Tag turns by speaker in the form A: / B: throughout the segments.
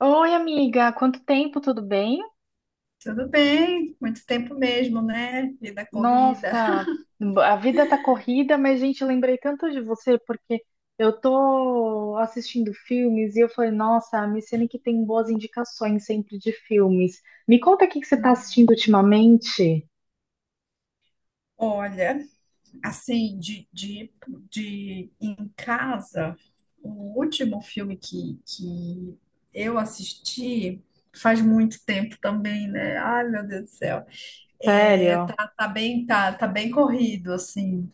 A: Oi, amiga, quanto tempo, tudo bem?
B: Tudo bem, muito tempo mesmo, né? Vida corrida.
A: Nossa, a vida tá corrida, mas, gente, eu lembrei tanto de você porque eu tô assistindo filmes e eu falei, nossa, a Micene que tem boas indicações sempre de filmes. Me conta o que que você tá
B: Uhum.
A: assistindo ultimamente.
B: Olha, assim, de em casa, o último filme que eu assisti faz muito tempo também, né? Ai, meu Deus do céu. É,
A: Sério?
B: tá bem corrido, assim.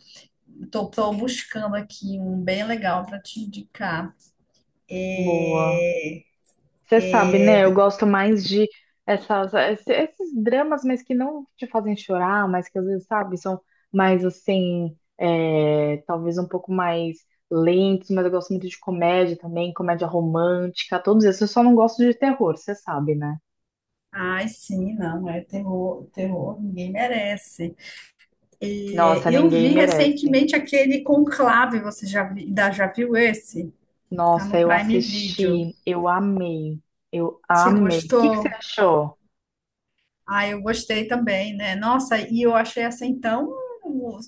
B: Tô buscando aqui um bem legal para te indicar.
A: Boa.
B: É,
A: Você sabe, né? Eu
B: é.
A: gosto mais de esses dramas, mas que não te fazem chorar, mas que às vezes, sabe, são mais assim, é, talvez um pouco mais lentos, mas eu gosto muito de comédia também, comédia romântica, todos esses. Eu só não gosto de terror, você sabe, né?
B: Ai, sim, não, é terror, terror, ninguém merece. E
A: Nossa,
B: eu
A: ninguém
B: vi
A: merece.
B: recentemente aquele Conclave, ainda já viu esse? Tá
A: Nossa,
B: no
A: eu
B: Prime Video.
A: assisti, eu
B: Você
A: amei. O que que você
B: gostou?
A: achou?
B: Ah, eu gostei também, né? Nossa, e eu achei essa então.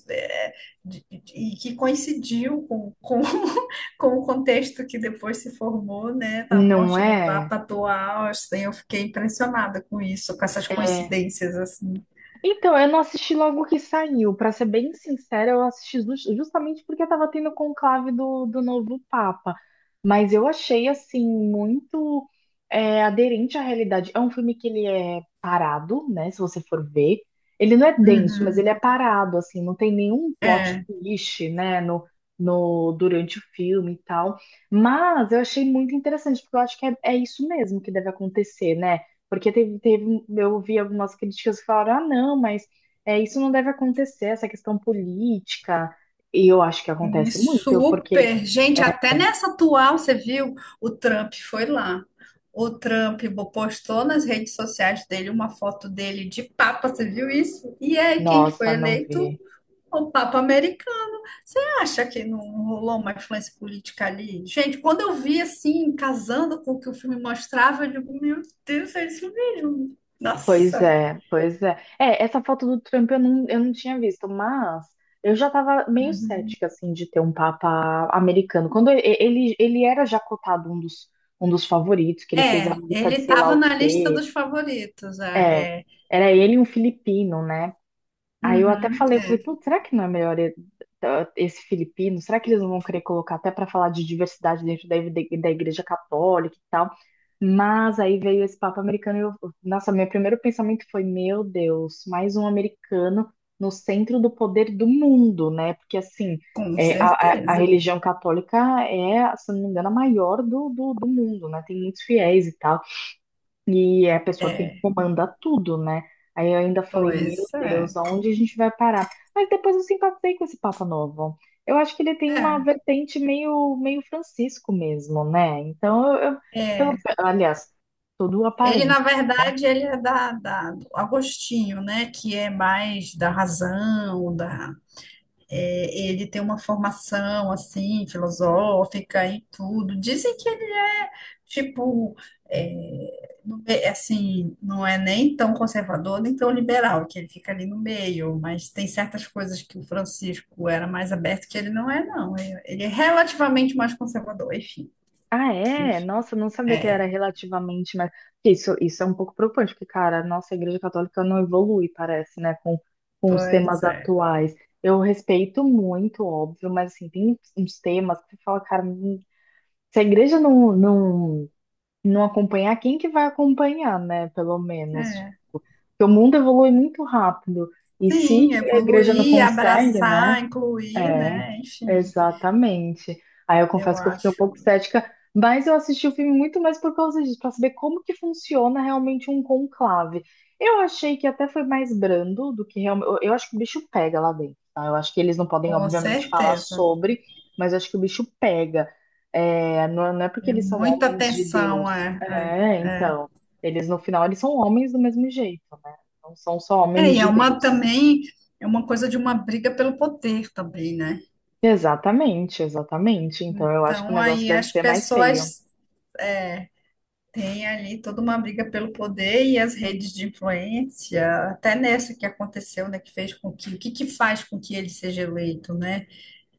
B: é, E que coincidiu com o contexto que depois se formou, né, da
A: Não
B: morte do
A: é?
B: Papa do Austin. Eu fiquei impressionada com isso, com essas
A: É.
B: coincidências assim.
A: Então, eu não assisti logo que saiu. Pra ser bem sincera, justamente porque tava tendo o conclave do novo Papa. Mas eu achei, assim, muito é, aderente à realidade. É um filme que ele é parado, né? Se você for ver. Ele não é denso, mas
B: Uhum,
A: ele é parado, assim. Não tem nenhum plot
B: é.
A: twist, né? No, no, durante o filme e tal. Mas eu achei muito interessante, porque eu acho que é isso mesmo que deve acontecer, né? Porque eu ouvi algumas críticas que falaram, ah, não, mas é, isso não deve acontecer, essa questão política. E eu acho que acontece muito, porque,
B: Super. Gente, até nessa atual, você viu? O Trump foi lá. O Trump postou nas redes sociais dele uma foto dele de Papa, você viu isso? E aí, quem que foi
A: nossa, não
B: eleito?
A: vê.
B: O Papa americano. Você acha que não rolou uma influência política ali? Gente, quando eu vi assim, casando com o que o filme mostrava, eu digo, meu Deus, é isso mesmo. Nossa.
A: Pois é. É, essa foto do Trump eu não tinha visto, mas eu já estava meio cética, assim, de ter um Papa americano. Ele era já cotado um dos favoritos, que ele fez a
B: É,
A: lista
B: ele
A: de sei lá
B: estava
A: o
B: na lista
A: quê.
B: dos favoritos.
A: É,
B: É.
A: era ele e um filipino, né? Aí eu até
B: Uhum,
A: falei,
B: é,
A: putz, será que não é melhor, tá, esse filipino? Será que eles não vão querer colocar até para falar de diversidade dentro da igreja católica e tal? Mas aí veio esse papo americano e eu, nossa, meu primeiro pensamento foi, meu Deus, mais um americano no centro do poder do mundo, né? Porque assim,
B: com
A: é, a
B: certeza.
A: religião católica é, se não me engano, a maior do mundo, né? Tem muitos fiéis e tal. E é a pessoa que
B: É,
A: comanda tudo, né? Aí eu ainda falei, meu
B: pois é,
A: Deus, aonde a gente vai parar? Mas depois eu simpatizei com esse Papa Novo. Eu acho que ele tem uma vertente meio, meio Francisco mesmo, né? Então,
B: é,
A: pelo,
B: é.
A: aliás, tudo
B: Ele, na
A: aparência, né?
B: verdade, ele é do Agostinho, né? Que é mais da razão. Ele tem uma formação assim, filosófica e tudo. Dizem que ele é tipo, é, assim, não é nem tão conservador nem tão liberal, que ele fica ali no meio, mas tem certas coisas que o Francisco era mais aberto que ele não é, não. Ele é relativamente mais conservador, enfim.
A: Ah, é? Nossa, eu não sabia que era relativamente, mas isso é um pouco preocupante, porque, cara, nossa, a Igreja Católica não evolui, parece, né, com os
B: Pois
A: temas
B: é.
A: atuais. Eu respeito muito, óbvio, mas assim, tem uns temas que você fala, cara, se a igreja não acompanhar, quem que vai acompanhar, né? Pelo menos.
B: É.
A: Porque o mundo evolui muito rápido. E se
B: Sim,
A: a igreja não
B: evoluir,
A: consegue, né?
B: abraçar, incluir,
A: É,
B: né? Enfim,
A: exatamente. Aí eu
B: eu
A: confesso que eu fiquei um
B: acho,
A: pouco cética, mas eu assisti o filme muito mais por causa disso, para saber como que funciona realmente um conclave. Eu achei que até foi mais brando do que realmente. Eu acho que o bicho pega lá dentro, tá? Eu acho que eles não podem,
B: com
A: obviamente, falar
B: certeza.
A: sobre, mas eu acho que o bicho pega. É, não é porque
B: É
A: eles são
B: muita
A: homens de
B: atenção,
A: Deus.
B: é,
A: É,
B: é, é.
A: então. Eles, no final, eles são homens do mesmo jeito, né? Não são só
B: É,
A: homens
B: e é
A: de
B: uma
A: Deus.
B: também, é uma coisa de uma briga pelo poder também, né?
A: Exatamente. Então eu acho que o
B: Então,
A: negócio
B: aí
A: deve
B: as
A: ser mais feio.
B: pessoas é, têm ali toda uma briga pelo poder e as redes de influência, até nessa que aconteceu, né? Que fez com que, O que que faz com que ele seja eleito, né?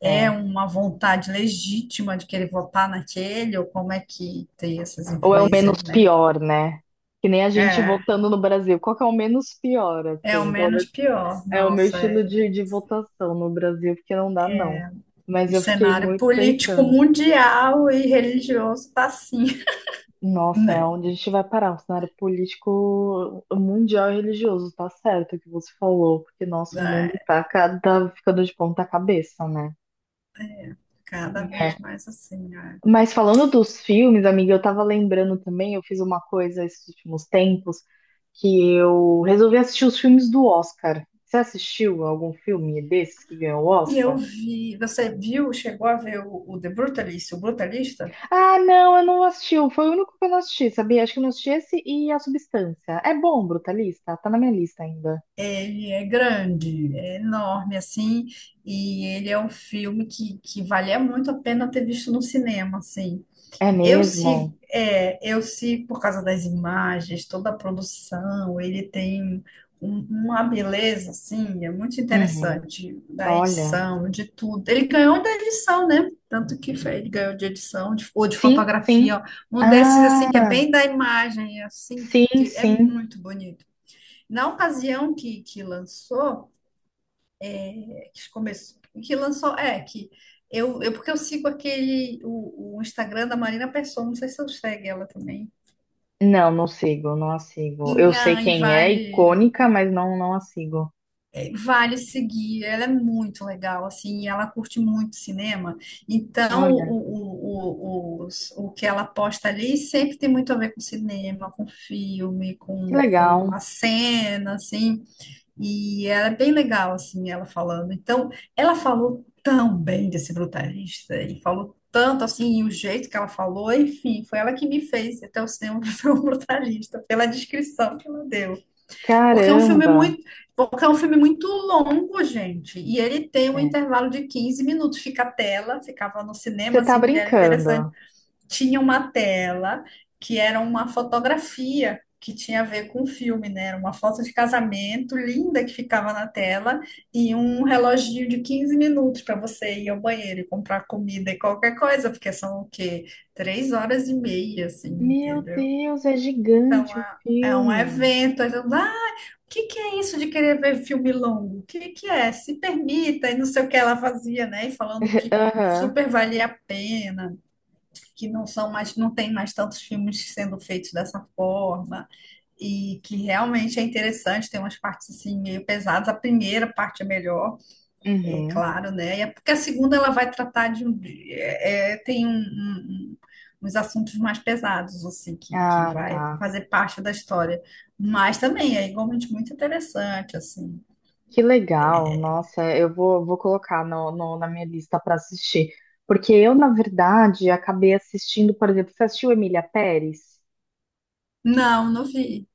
B: É
A: É.
B: uma vontade legítima de querer votar naquele, ou como é que tem essas
A: Ou é o menos
B: influências, né?
A: pior, né? Que nem a gente
B: É,
A: votando no Brasil. Qual que é o menos pior,
B: é o
A: assim? Pelo
B: menos
A: menos
B: pior.
A: é o meu
B: Nossa,
A: estilo
B: é.
A: de votação no Brasil, porque não dá, não. Mas
B: O
A: eu fiquei
B: cenário
A: muito
B: político
A: pensando,
B: mundial e religioso tá assim,
A: nossa, é
B: né?
A: onde a gente vai parar? O cenário político mundial e religioso, tá certo o que você falou, porque nosso mundo
B: É,
A: tá cada, ficando de ponta cabeça, né?
B: cada vez mais assim, né?
A: Mas falando dos filmes, amiga, eu tava lembrando também, eu fiz uma coisa esses últimos tempos, que eu resolvi assistir os filmes do Oscar. Você assistiu algum filme desses que ganhou o
B: E eu
A: Oscar?
B: vi, você viu, chegou a ver o The Brutalist, o Brutalista?
A: Ah, não, eu não assisti. Foi o único que eu não assisti, sabia? Acho que eu não assisti esse e A Substância. É bom, Brutalista? Tá na minha lista ainda.
B: Ele é grande, é enorme, assim, e ele é um filme que valia muito a pena ter visto no cinema, assim.
A: É
B: Eu sigo,
A: mesmo?
B: é, eu sigo por causa das imagens, toda a produção. Ele tem uma beleza, assim, é muito
A: Uhum.
B: interessante, da
A: Olha.
B: edição, de tudo. Ele ganhou da edição, né? Tanto que ele ganhou de edição, ou de
A: Sim,
B: fotografia,
A: sim.
B: ó. Um desses, assim, que é
A: Ah,
B: bem da imagem, assim,
A: sim,
B: porque é
A: sim.
B: muito bonito. Na ocasião que lançou, é, que começou, que lançou, é, que eu, porque eu sigo aquele, o Instagram da Marina Pessoa, não sei se eu segue ela também.
A: Não, não sigo, não a sigo. Eu
B: E,
A: sei
B: ai,
A: quem é,
B: vale,
A: icônica, mas não, não a sigo.
B: é, vale seguir, ela é muito legal, assim, e ela curte muito cinema, então
A: Olha,
B: o que ela posta ali sempre tem muito a ver com cinema, com filme,
A: que
B: com
A: legal.
B: a cena, assim. E ela é bem legal, assim, ela falando. Então, ela falou tão bem desse brutalista, e falou tanto, assim, e o jeito que ela falou, enfim, foi ela que me fez até o cinema ver o brutalista, pela descrição que ela deu. Porque é um filme
A: Caramba.
B: muito, Porque é um filme muito longo, gente, e ele tem um
A: É.
B: intervalo de 15 minutos, fica a tela, ficava no
A: Você
B: cinema,
A: tá
B: assim, que era interessante.
A: brincando.
B: Tinha uma tela que era uma fotografia que tinha a ver com o filme, né? Era uma foto de casamento linda que ficava na tela e um reloginho de 15 minutos para você ir ao banheiro e comprar comida e qualquer coisa, porque são o quê? 3 horas e meia, assim,
A: Meu
B: entendeu?
A: Deus, é
B: Então,
A: gigante o
B: é um
A: filme.
B: evento. Aí todo mundo, ah, o que que é isso de querer ver filme longo? O que que é? Se permita, e não sei o que ela fazia, né? E falando que
A: Aham.
B: super valia a pena, que não são mais, não tem mais tantos filmes sendo feitos dessa forma, e que realmente é interessante, tem umas partes assim meio pesadas. A primeira parte é melhor, é
A: Uhum.
B: claro, né? E é porque a segunda ela vai tratar de um, é, é, tem um, um- um- uns assuntos mais pesados, assim, que
A: Ah,
B: vai
A: tá.
B: fazer parte da história. Mas também é igualmente muito interessante, assim.
A: Que legal. Nossa, vou colocar na minha lista para assistir. Porque eu, na verdade, acabei assistindo, por exemplo, você assistiu Emília Pérez?
B: Não, não vi.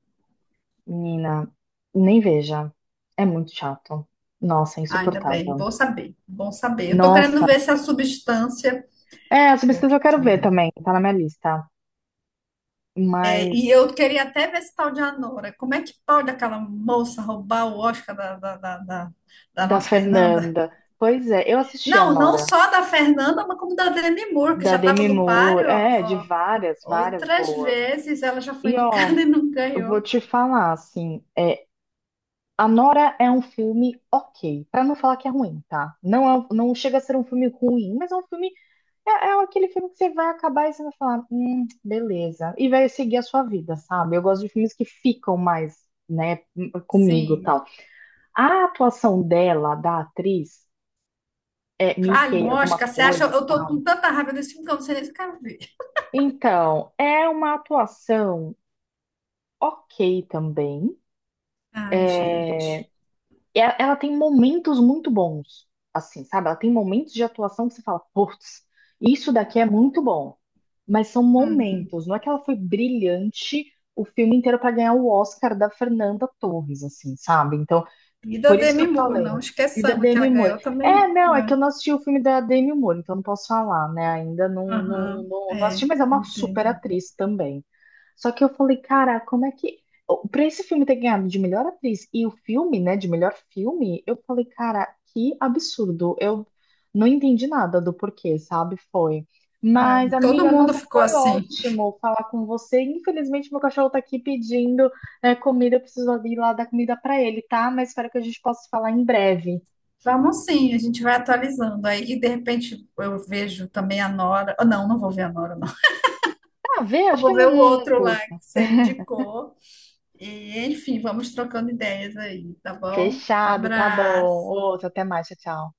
A: Menina, nem veja. É muito chato. Nossa, é
B: Ainda bem,
A: insuportável.
B: bom saber, bom saber. Eu tô querendo
A: Nossa.
B: ver se a substância,
A: É, essa pesquisa
B: porque
A: eu quero ver também, tá na minha lista.
B: E
A: Mas
B: eu queria até ver esse tal de Anora. Como é que pode aquela moça roubar o Oscar da
A: da
B: nossa Fernanda?
A: Fernanda. Pois é, eu assisti a
B: Não, não
A: Nora,
B: só da Fernanda, mas como da Demi Moore, que
A: da
B: já estava
A: Demi
B: no
A: Moore,
B: páreo, ó,
A: é, de
B: ó.
A: várias, várias
B: Outras
A: boas.
B: vezes ela já foi
A: E
B: indicada
A: ó,
B: e não
A: eu vou
B: ganhou.
A: te falar assim, a Nora é um filme ok, pra não falar que é ruim, tá? Não é, um, não chega a ser um filme ruim, mas é um filme, é, é aquele filme que você vai acabar e você vai falar, beleza, e vai seguir a sua vida, sabe? Eu gosto de filmes que ficam mais, né, comigo, e
B: Sim.
A: tal. A atuação dela, da atriz, é
B: Vale um
A: Mickey, alguma
B: Oscar? Você acha?
A: coisa, e
B: Eu tô
A: tal.
B: com tanta raiva desse filme que eu não sei nem se eu quero ver.
A: Então, é uma atuação ok também.
B: Ai, gente.
A: E a- Ela tem momentos muito bons, assim, sabe? Ela tem momentos de atuação que você fala, putz, isso daqui é muito bom. Mas são
B: Uhum.
A: momentos, não é que ela foi brilhante o filme inteiro para ganhar o Oscar da Fernanda Torres, assim, sabe? Então,
B: E da
A: por isso que
B: Demi
A: eu
B: Moore,
A: falei.
B: não
A: E da
B: esqueçamos que ela
A: Demi Moore.
B: ganhou também.
A: É, não, é que
B: Né?
A: eu não assisti o filme da Demi Moore, então não posso falar, né? Ainda
B: Aham.
A: não assisti,
B: É,
A: mas é uma super
B: entendi.
A: atriz também. Só que eu falei, cara, como é que. Pra esse filme ter ganhado de melhor atriz e o filme, né, de melhor filme, eu falei, cara, que absurdo. Eu não entendi nada do porquê, sabe? Foi.
B: É,
A: Mas,
B: todo
A: amiga,
B: mundo
A: nossa,
B: ficou
A: foi
B: assim.
A: ótimo falar com você. Infelizmente, meu cachorro tá aqui pedindo, né, comida. Eu preciso ir lá dar comida pra ele, tá? Mas espero que a gente possa falar em breve.
B: Vamos sim, a gente vai atualizando. Aí, de repente, eu vejo também a Nora. Ah, não, não vou ver a Nora, não.
A: Tá, vê?
B: Eu
A: Acho que
B: vou ver o
A: não
B: outro lá que
A: custa.
B: você indicou. E, enfim, vamos trocando ideias aí, tá bom?
A: Fechado, tá bom.
B: Abraço.
A: Outro, até mais, tchau, tchau.